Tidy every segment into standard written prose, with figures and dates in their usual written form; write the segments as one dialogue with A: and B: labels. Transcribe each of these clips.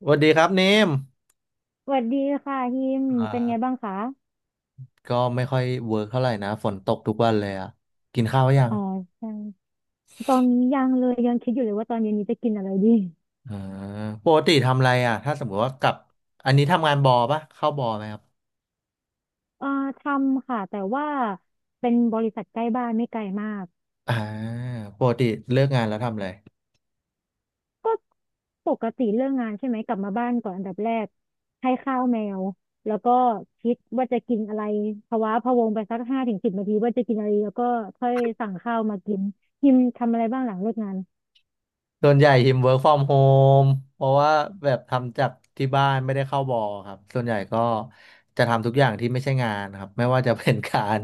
A: สวัสดีครับเนม
B: สวัสดีค่ะฮิม
A: อ่
B: เป็นไงบ้า
A: า
B: งคะ
A: ก็ไม่ค่อยเวิร์กเท่าไหร่นะฝนตกทุกวันเลยอ่ะกินข้าวยัง
B: อ๋อใช่ตอนนี้ยังเลยยังคิดอยู่เลยว่าตอนเย็นนี้จะกินอะไรดี
A: อ่าปกติทำอะไรอ่ะถ้าสมมติว่ากลับอันนี้ทำงานบอปะเข้าบอไหมครับ
B: เอ่อทำค่ะแต่ว่าเป็นบริษัทใกล้บ้านไม่ไกลมาก
A: อ่าปกติเลิกงานแล้วทำอะไร
B: ก็ปกติเรื่องงานใช่ไหมกลับมาบ้านก่อนอันดับแรกให้ข้าวแมวแล้วก็คิดว่าจะกินอะไรภาวะพะวงไปสัก5 ถึง 10 นาทีว่าจะกินอะไรแล้วก็ค่อยสั่งข้าวมากินฮิมทำอะไรบ้างหลังเลิกงาน
A: ส่วนใหญ่หิม work from home เพราะว่าแบบทำจากที่บ้านไม่ได้เข้าบอครับส่วนใหญ่ก็จะทำทุกอย่างที่ไม่ใช่งานครับไม่ว่าจะเป็นการ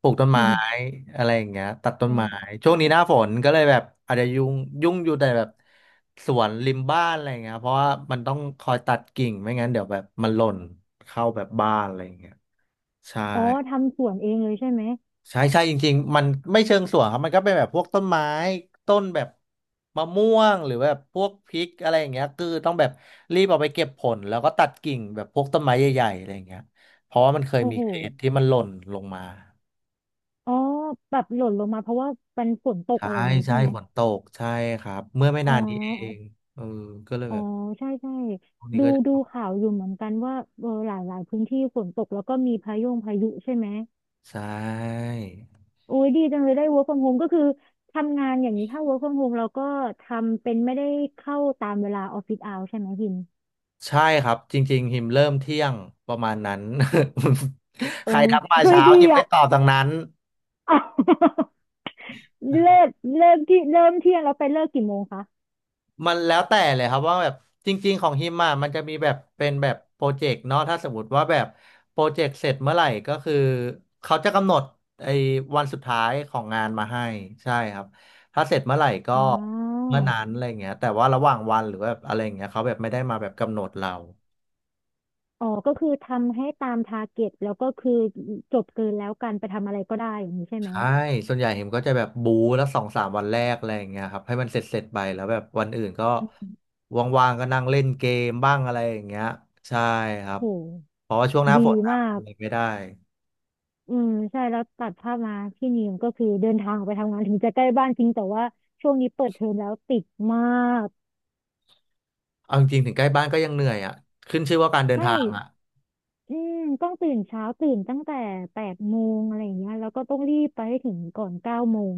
A: ปลูกต้นไม้ อะไรอย่างเงี้ยตัดต้
B: อ๋
A: น
B: อ
A: ไม้ ช่วงนี้หน้าฝนก็เลยแบบอาจจะยุ่งยุ่งอยู่แต่แบบสวนริมบ้านอะไรอย่างเงี้ยเพราะว่ามันต้องคอยตัดกิ่งไม่งั้นเดี๋ยวแบบมันหล่นเข้าแบบบ้านอะไรอย่างเงี้ยใช่
B: อ๋อทำสวนเองเลยใช่ไหม
A: ใช่จริงๆมันไม่เชิงสวนครับมันก็เป็นแบบพวกต้นไม้ต้นแบบมะม่วงหรือแบบพวกพริกอะไรอย่างเงี้ยคือต้องแบบรีบเอาไปเก็บผลแล้วก็ตัดกิ่งแบบพวกต้นไม้ใหญ่ๆอะไรอย่างเงี้ยเพราะว่ามันเคย
B: โอ้
A: มี
B: โห
A: เคสที่มันหล่นลงมา
B: อ๋อแบบหล่นลงมาเพราะว่าเป็นฝนตก
A: ใช่
B: อะไรอย่างนี้
A: ใช่
B: ใช่ไหม
A: ฝนตกใช่ครับเมื่อไม่
B: อ๋
A: นานนี้เอง
B: อ
A: เออก็เลย
B: อ๋อ
A: แบบ
B: ใช่ใช่
A: พวกนี้
B: ดู
A: ก็
B: ดูข่าวอยู่เหมือนกันว่าเออหลายหลายพื้นที่ฝนตกแล้วก็มีพายุใช่ไหม
A: ใช่
B: โอ้ยดีจังเลยได้ work from home ก็คือทำงานอย่างนี้ถ้า work from home เราก็ทำเป็นไม่ได้เข้าตามเวลาออฟฟิศเอาใช่ไหมพิม
A: ใช่ครับจริงๆหิมเริ่มเที่ยงประมาณนั้น ใค
B: โอ้
A: รทักมา
B: เฮ้ย
A: เช้า
B: ดี
A: หิมไม่
B: อ่ะ
A: ตอบดังนั้น
B: เลิกเลิกที่เริ่มเที่ยงแล้วไปเลิกกี่โมงคะ
A: มันแล้วแต่เลยครับว่าแบบจริงๆของฮิมอ่ะมันจะมีแบบเป็นแบบโปรเจกต์เนาะถ้าสมมติว่าแบบโปรเจกต์เสร็จเมื่อไหร่ก็คือเขาจะกำหนดไอ้วันสุดท้ายของงานมาให้ใช่ครับถ้าเสร็จเมื่อไหร่ก็
B: อ๋อ
A: เมื่อนั้นอะไรเงี้ยแต่ว่าระหว่างวันหรือว่าแบบอะไรเงี้ยเขาแบบไม่ได้มาแบบกำหนดเรา
B: อ๋อก็คือทำให้ตามทาร์เก็ตแล้วก็คือจบเกินแล้วกันไปทำอะไรก็ได้อย่างนี้ใช่ไหม
A: ใช่ส่วนใหญ่เห็มก็จะแบบบูแล้วสองสามวันแรกอะไรอย่างเงี้ยครับให้มันเสร็จไปแล้วแบบวันอื่นก็ว่างๆก็นั่งเล่นเกมบ้างอะไรอย่างเงี้ยใช่ครับ
B: โห
A: เพราะว่าช่วงหน้าฝ
B: ดี
A: นอะมั
B: มา
A: นทำ
B: ก
A: อะไรไม่ได้
B: อืมใช่แล้วตัดภาพมาพี่นิมก็คือเดินทางออกไปทำงานถึงจะใกล้บ้านจริงแต่ว่าช่วงนี้เปิดเทอมแล้วติดมาก
A: เอาจริงๆถึงใกล้บ้านก็ยังเหนื่อยอ่ะขึ้นชื่อว่าการเดิน
B: ใช่
A: ทางอ่ะ
B: อืมต้องตื่นเช้าตื่นตั้งแต่8 โมงอะไรอย่างเงี้ยแล้วก็ต้องรีบไปให้ถึงก่อน9 โมง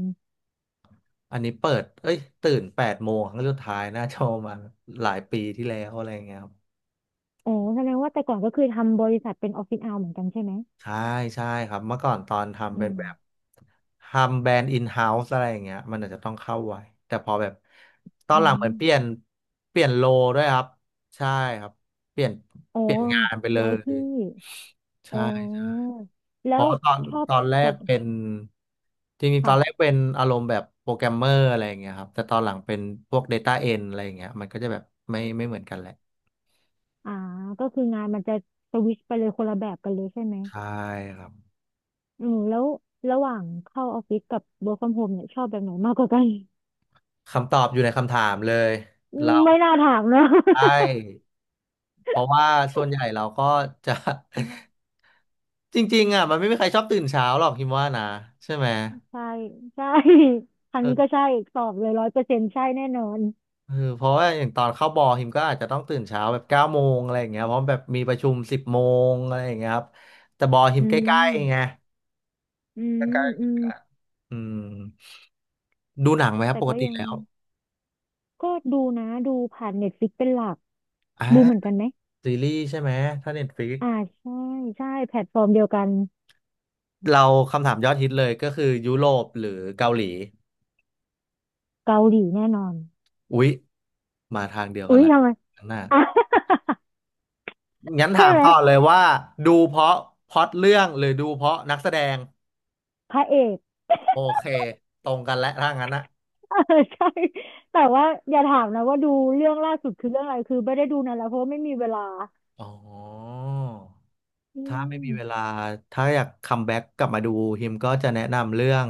A: อันนี้เปิดเอ้ยตื่น8 โมงครั้งสุดท้ายน่าจะประมาณหลายปีที่แล้วอะไรอย่างเงี้ยครับ
B: โอ้แสดงว่าแต่ก่อนก็คือทำบริษัทเป็นออฟฟิศเอาเหมือนกันใช่ไหม
A: ใช่ใช่ครับเมื่อก่อนตอนทำ
B: อื
A: เป็น
B: ม
A: แบบ ทำแบรนด์อินเฮ้าส์อะไรอย่างเงี้ยมันอาจจะต้องเข้าไว้แต่พอแบบตอน
B: อื
A: หลังเหมื
B: ม
A: อนเปลี่ยนโลด้วยครับใช่ครับเปลี่ยน
B: อ๋อ
A: งานไปเล
B: ย้าย
A: ย
B: ที่ อ๋
A: ใช่ใช่
B: อ
A: เพ
B: แล้ว
A: ราะตอน
B: ชอบ
A: แร
B: แบ
A: ก
B: บ
A: เป็นจริงๆตอนแรก
B: ค่ะ
A: เป็นอารมณ์แบบโปรแกรมเมอร์อะไรอย่างเงี้ยครับแต่ตอนหลังเป็นพวก Data End อะไรอย่างเงี้ยมันก็จะแบบไม่เหมือนกันแหละ
B: อ่าก็คืองานมันจะสวิชไปเลยคนละแบบกันเลยใช่ไหม
A: ใช่ครับ
B: อืมแล้วระหว่างเข้าออฟฟิศกับ work from home เนี่ยชอบแบบไหนมากกว่ากัน
A: คำตอบอยู่ในคำถามเลยเรา
B: ไม่น่าถามนะ
A: ใช่เพราะว่าส่วนใหญ่เราก็จะ จริงๆอ่ะมันไม่มีใครชอบตื่นเช้าหรอกฮิมว่านะใช่ไหม
B: ใช่ใช่ทาง
A: เอ
B: นี้ก็
A: อ
B: ใช่ตอบเลย100%ใช่แน่นอน
A: เพราะว่าอย่างตอนเข้าบอฮิมก็อาจจะต้องตื่นเช้าแบบ9 โมงอะไรอย่างเงี้ยเพราะแบบมีประชุม10 โมงอะไรอย่างเงี้ยครับแต่บอฮิ
B: อื
A: มใกล้ๆไง
B: มอืมอืม
A: อืมดูหนังไหมครับ
B: แต่
A: ปก
B: ก็
A: ติ
B: ยัง
A: แล้ว
B: ก็ดูนะดูผ่านเน็ตฟลิกเป็นหลัก
A: อ่า
B: ดูเหมือนกันไหม
A: ซีรีส์ใช่ไหมถ้าเน็ตฟลิก
B: อ่าใช่ใช่แพลตฟอร์มเดียวกัน
A: เราคำถามยอดฮิตเลยก็คือยุโรปหรือเกาหลี
B: เกาหลีแน่นอน
A: อุ๊ยมาทางเดียวกั
B: อุ้
A: น
B: ย
A: ละ
B: ทำไม
A: ข้างหน้า
B: อ่ะ
A: งั้นถา
B: ใช่
A: ม
B: ไหม
A: ต่อเลยว่าดูเพราะพล็อตเรื่องหรือดูเพราะนักแสดง
B: พระเอก
A: โอเคตรงกันและถ้างั้นอะ
B: เออใช่แต่ว่าอย่าถามนะว่าดูเรื่องล่าสุดคือเรื่องอะไรคือไม่ได้ดูนานแล้วเพราะว่าไม่มีเวลา
A: อ๋อ
B: อื
A: ถ้าไม่มีเว
B: ม
A: ลาถ้าอยากคัมแบ็กกลับมาดูฮิมก็จะแนะนำเรื่อง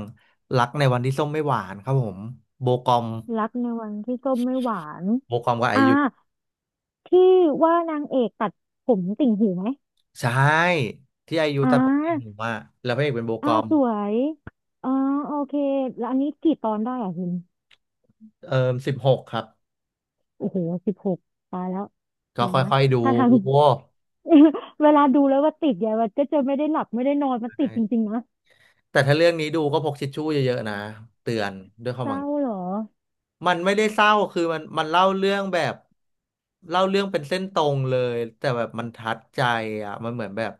A: รักในวันที่ส้มไม่หวานครับผมโบกอม
B: รักในวันที่ส้มไม่หวาน
A: โบกอมกับไอ
B: อ่า
A: ยุ
B: ที่ว่านางเอกตัดผมติ่งหูไหม
A: ใช่ที่ไอยุ
B: อ่
A: ตัดผมจริงห
B: า
A: มอ่าแล้วพระเอกเป็นโบก
B: อ่า
A: อม
B: สวยอ่าโอเคแล้วอันนี้กี่ตอนได้อ่ะคุณ
A: เอ่อ16ครับ
B: โอ้โห16ตายแล้ว
A: ก็
B: เดี๋ยวนะ
A: ค่อยๆดู
B: ถ้าทาง เวลาดูแล้วว่าติดเนี่ยมันก็จะไม่ได้หลับไม่ได้นอนมันติดจริงๆนะ
A: แต่ถ้าเรื่องนี้ดูก็พกทิชชู่เยอะๆนะเตือนด้วยควา
B: เศ
A: มหวัง
B: ร้าเหรอ
A: มันไม่ได้เศร้าคือมันเล่าเรื่องแบบเล่าเรื่องเป็นเส้นตรงเลยแต่แบบมันทัดใจอ่ะมันเหมือนแบบ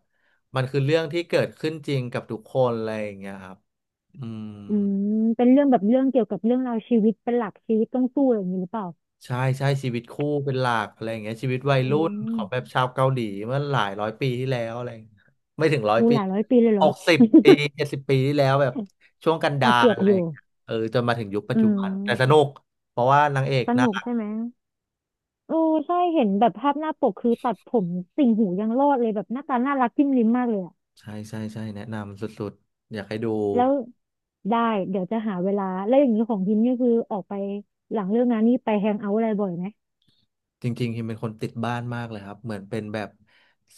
A: มันคือเรื่องที่เกิดขึ้นจริงกับทุกคนอะไรอย่างเงี้ยครับอืม
B: อืมเป็นเรื่องแบบเรื่องเกี่ยวกับเรื่องราวชีวิตเป็นหลักชีวิตต้องสู้อะไรอย่างนี้หรือเปล่า
A: ใช่ใช่ชีวิตคู่เป็นหลักอะไรอย่างเงี้ยชีวิตวัย
B: อื
A: รุ่นของแบบ
B: ม
A: ชาวเกาหลีเมื่อหลายร้อยปีที่แล้วอะไรอย่างเงี้ยไม่ถึงร้อย
B: หู
A: ปี
B: หลายร้อยปีเลยเห
A: ห
B: รอ
A: กสิบปี70 ปีที่แล้วแบบช่วงกัน
B: อ่ะ
A: ดา
B: เกื
A: ร
B: อบ
A: อะไร
B: อยู่
A: อย่างเงี้ยเออจนมาถึงยุคปัจ
B: อื
A: จุบันแต่สนุ
B: ม
A: กเพราะว่านางเอก
B: ส
A: น่า
B: นุกใช่ไหมโอ้ใช่เห็นแบบภาพหน้าปกคือตัดผมติ่งหูยังรอดเลยแบบหน้าตาน่ารักจิ้มลิ้มมากเลยอะ
A: ใช่ใช่ใช่แนะนำสุดๆอยากให้ดู
B: แล้วได้เดี๋ยวจะหาเวลาแล้วอย่างนี้ของพิมพ์นี่คือออกไปหลังเลิกงานนี่ไปแฮงเอาท์อะไรบ่อยไหม
A: จริงๆฮิมเป็นคนติดบ้านมากเลยครับเหมือนเป็นแบบ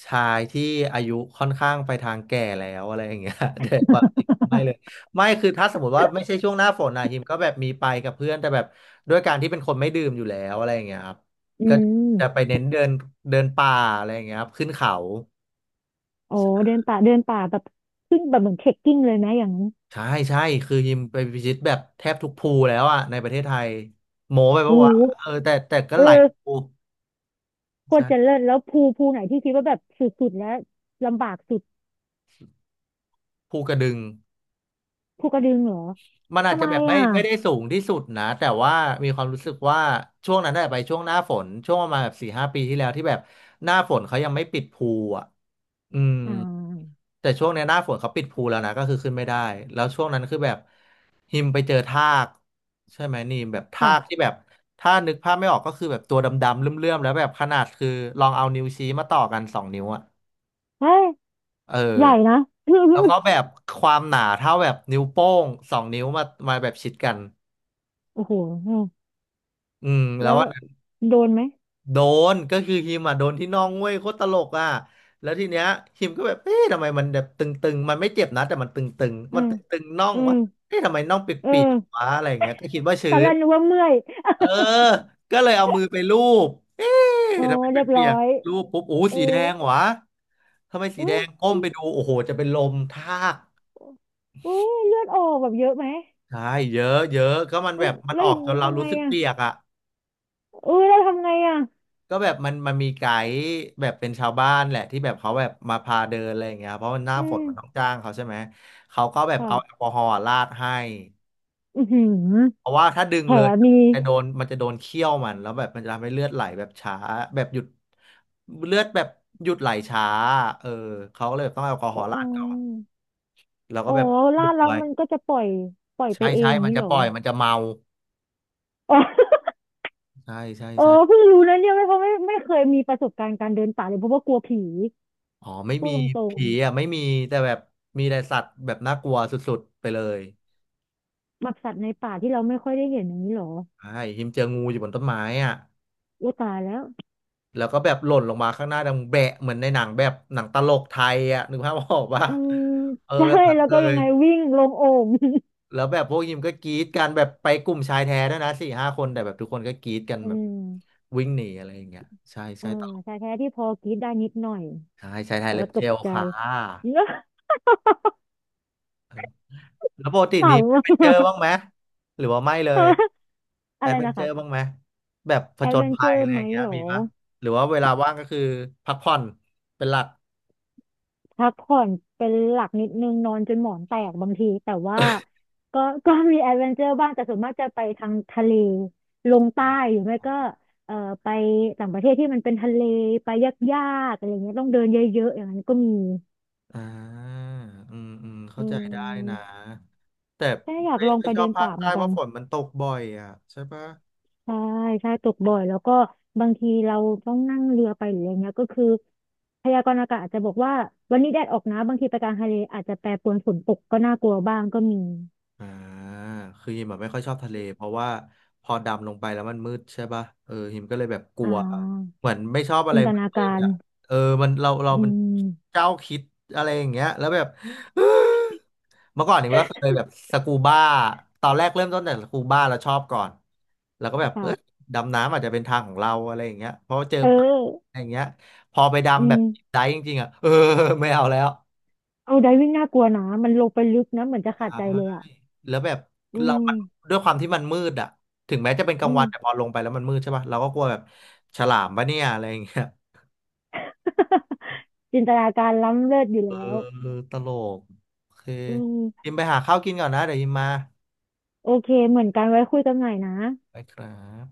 A: ชายที่อายุค่อนข้างไปทางแก่แล้วอะไรอย่างเงี้ย แต่ความจริงไม่เลยไม่คือถ้าสมมติว่าไม่ใช่ช่วงหน้าฝนนะฮิมก็แบบมีไปกับเพื่อนแต่แบบด้วยการที่เป็นคนไม่ดื่มอยู่แล้วอะไรอย่างเงี้ยครับ
B: อื
A: ก็
B: ม
A: จะไปเน้นเดินเดินป่าอะไรอย่างเงี้ยครับขึ้นเขา
B: อ๋อเดินป่าเดินป่าแบบขึ้นแบบเหมือนเทรคกิ้งเลยไหมอย่างนั้น
A: ใช่ใช่คือยิมไปพิชิตแบบแทบทุกภูแล้วอ่ะในประเทศไทยโหมไปปะ
B: โอ้
A: วะ
B: โห
A: เออแต่ก็
B: เออ
A: หลายภู
B: โคตรจะ
A: ใช่
B: เลิศแล้วภูภูไหนที่คิดว่าแบบสุดๆแล้วลำบากสุด
A: ภูกระดึง
B: ภูกระดึงเหรอ
A: มันอาจ
B: ทำ
A: จะ
B: ไม
A: แบบไม่
B: อ่ะ
A: ไม่ได้สูงที่สุดนะแต่ว่ามีความรู้สึกว่าช่วงนั้นได้ไปช่วงหน้าฝนช่วงประมาณแบบสี่ห้าปีที่แล้วที่แบบหน้าฝนเขายังไม่ปิดภูอ่ะอืม
B: อ่า
A: แต่ช่วงเนี้ยหน้าฝนเขาปิดภูแล้วนะก็คือขึ้นไม่ได้แล้วช่วงนั้นคือแบบหิมไปเจอทากใช่ไหมนี่มแบบทากที่
B: ค่ะ
A: แบบถ้านึกภาพไม่ออกก็คือแบบตัวดำๆเลื่อมๆแล้วแบบขนาดคือลองเอานิ้วชี้มาต่อกันสองนิ้วอะ
B: เฮ้ย
A: เออ
B: ใหญ่นะ
A: แล้วก็แบบความหนาเท่าแบบนิ้วโป้งสองนิ้วมาแบบชิดกัน
B: โอ้โหอืม
A: อืมแล้ว
B: แล้ว
A: ว่า
B: โดนไหม
A: โดนก็คือฮิมอ่ะโดนที่น่องเว้ยโคตรตลกอ่ะแล้วทีเนี้ยฮิมก็แบบเอ๊ะทำไมมันแบบตึงๆมันไม่เจ็บนะแต่มันตึงๆ
B: อื
A: มัน
B: ม
A: ตึงๆน่อง
B: อืม
A: วะเอ๊ะทำไมน่องเป
B: เอ
A: ียกๆ
B: อ
A: วะอะไรอย่างเงี้ยก็คิดว่า
B: ต
A: ชื้
B: อนแร
A: น
B: กนึกว่าเมื่อย
A: เออก็เลยเอามือไปลูบเอ๊ะ
B: โอ
A: ทำไมเ
B: เรียบ
A: ปีย
B: ร้
A: ก
B: อย
A: ๆลูบปุ๊บโอ้
B: เออ
A: สีแดงวะทำไมสีแด
B: อุ้ย
A: งก้มไปดูโอ้โหจะเป็นลมทาก
B: อุ้ยเลือดออกแบบเยอะไหม
A: ใช่เยอะเยอะก็มันแบ
B: อุ้ย
A: บมัน
B: แล้
A: อ
B: ว
A: อ
B: อ
A: ก
B: ย่าง
A: จ
B: นี้
A: นเรา
B: ทำ
A: รู้
B: ไง
A: สึก
B: อ่ะ
A: เปียกอ่ะ
B: อุ้ยแล้วทำไงอ่ะ
A: ก็แบบมันมีไกด์แบบเป็นชาวบ้านแหละที่แบบเขาแบบมาพาเดินอะไรอย่างเงี้ยเพราะมันหน้า
B: อื
A: ฝน
B: ม
A: มันต้องจ้างเขาใช่ไหมเขาก็แบบ
B: ค่ะ
A: เอาแอลกอฮอล์ราดให้
B: อือหือ
A: เพราะว่าถ้าดึง
B: แผล
A: เลย
B: มี
A: จะโดนมันจะโดนเขี้ยวมันแล้วแบบมันจะทำให้เลือดไหลแบบช้าแบบหยุดเลือดแบบหยุดไหลช้าเออเขาก็เลยแบบต้องเอาแอลกอฮ
B: อ๋
A: อล์ราดก่อน
B: อ
A: แล้วก็
B: อ๋อ
A: แบบ
B: ลา
A: ปิด
B: ดแล้ว
A: ไว้
B: มันก็จะปล่อยปล่อยไป
A: ใช่
B: เอ
A: ใช่
B: ง
A: มัน
B: นี้
A: จะ
B: เหร
A: ป
B: อ
A: ล่อยมันจะเมา
B: อ๋อ
A: ใช่ใช่
B: เอ
A: ใช่
B: อเพิ่งรู้นะเนี่ยไม่เพราะไม่เคยมีประสบการณ์การเดินป่าเลยเพราะว่ากลัวผี
A: อ๋อไม่
B: พู
A: มี
B: ดตรง
A: ผีอ่ะไม่มีแต่แบบมีแต่สัตว์แบบน่ากลัวสุดๆไปเลย
B: ๆแบบสัตว์ในป่าที่เราไม่ค่อยได้เห็นอย่างนี้เหรอ
A: ใช่หิมเจองูอยู่บนต้นไม้อ่ะ
B: โอ้ตายแล้ว
A: แล้วก็แบบหล่นลงมาข้างหน้าดังแบะเหมือนในหนังแบบหนังตลกไทยอ่ะนึกภาพออกปะ
B: อืม
A: เออ
B: ใช่
A: แบบนั้น
B: แล้ว
A: เล
B: ก็ยั
A: ย
B: งไงวิ่งลงโอ่ง
A: แล้วแบบพวกยิมก็กรี๊ดกันแบบไปกลุ่มชายแท้ด้วยนะสี่ห้าคนแต่แบบทุกคนก็กรี๊ดกัน
B: อื
A: แบบ
B: ม
A: วิ่งหนีอะไรอย่างเงี้ยใช่ใช่
B: อ่า
A: ตลก
B: ชายแท้ที่พอกรีดได้นิดหน่อย
A: ใช่ชายไทย
B: แต่
A: เล็
B: ว่า
A: บ
B: ต
A: เจ
B: ก
A: ล
B: ใจ
A: ค่ะ แล้วปกตินี้
B: ขำ
A: แอด
B: อะ
A: เวนเจอร์บ้างไหมหรือว่าไม่เลย แอ
B: อะไร
A: ดเวน
B: นะ
A: เจอ
B: คะ
A: ร์บ้างไหมแบบผ
B: แอ
A: จ
B: ดเว
A: ญ
B: นเจ
A: ภั
B: อ
A: ยอะ
B: ร์
A: ไร
B: ไห
A: อ
B: ม
A: ย่างเงี้ย
B: เหร
A: มี
B: อ
A: ปะหรือว่าเวลาว่างก็คือพักผ่อนเป็นหลัก
B: พักผ่อนเป็นหลักนิดนึงนอนจนหมอนแตกบางทีแต่ว่าก็ ก็มีแอดเวนเจอร์บ้างแต่ส่วนมากจะไปทางทะเลลงใต้ห
A: อ่ะ
B: รือไม่ก็เอ่อไปต่างประเทศที่มันเป็นทะเลไปยากๆอะไรเงี้ยต้องเดินเยอะๆอย่างนั้นก็มี
A: อ่าอืมเข้า
B: อื
A: ใจได้นะ
B: ม
A: แต่
B: ใช่อยาก
A: ไม่
B: ลอง
A: ค่อ
B: ไป
A: ยช
B: เดิ
A: อบ
B: น
A: ภาค
B: ป่าเหมื
A: ใต้
B: อน
A: เพ
B: กัน
A: ราะฝนมันตกบ่อยอ่ะใช่ปะ
B: ใช่ใช่ตกบ่อยแล้วก็บางทีเราต้องนั่งเรือไปหรืออะไรเงี้ยก็คือพยากรณ์อากาศอาจจะบอกว่าวันนี้แดดออกนะบางทีไปกลางทะเลอาจจะแปรปรวนฝนตกก็น่ากลัวบ้างก็มี
A: อ่าคือฮิมแบบไม่ค่อยชอบทะเลเพราะว่าพอดำลงไปแล้วมันมืดใช่ป่ะเออฮิมก็เลยแบบกลั
B: อ่า
A: วเหมือนไม่ชอบอะ
B: จิ
A: ไร
B: นต
A: ม
B: นา
A: ื
B: กา
A: ดๆ
B: ร
A: อ่ะเออมันเรา
B: อื
A: มัน
B: ม
A: เจ้าคิดอะไรอย่างเงี้ยแล้วแบบ เมื่อก่อนหิมก็เคยแบบสกูบ้าตอนแรกเริ่มต้นแต่สกูบ้าเราชอบก่อนแล้วก็แบบ
B: เป
A: เอ
B: ล่า
A: อดำน้ำอาจจะเป็นทางของเราอะไรอย่างเงี้ยเพราะว่าเจอ
B: เออ
A: ปลาอะไรอย่างเงี้ยพอไป
B: อื
A: ดำแบบ
B: ม
A: ดิฟไดฟ์จริงๆอ่ะเออไม่เอาแล้ว
B: เอาไดวิ่งน่ากลัวนะ มันลงไปลึกนะ เหมือนจะขาดใจเลยอ่ะ
A: แล้วแบบ
B: อื
A: เรา
B: ม
A: มันด้วยความที่มันมืดอะถึงแม้จะเป็นกลาง
B: อื
A: วั
B: ม
A: นแต่พอลงไปแล้วมันมืดใช่ป่ะเราก็กลัวแบบฉลามปะเนี่ยอะไรอย่างเงี้ย
B: จินตนาการล้ำเลิศอยู่
A: เออ
B: แล้ว
A: ตลกโอเค
B: อืม
A: ยิมไปหาข้าวกินก่อนนะ เดี๋ยวยิมมา
B: โอเค เหมือนกันไว้คุยกันใหม่นะ
A: ไปครับ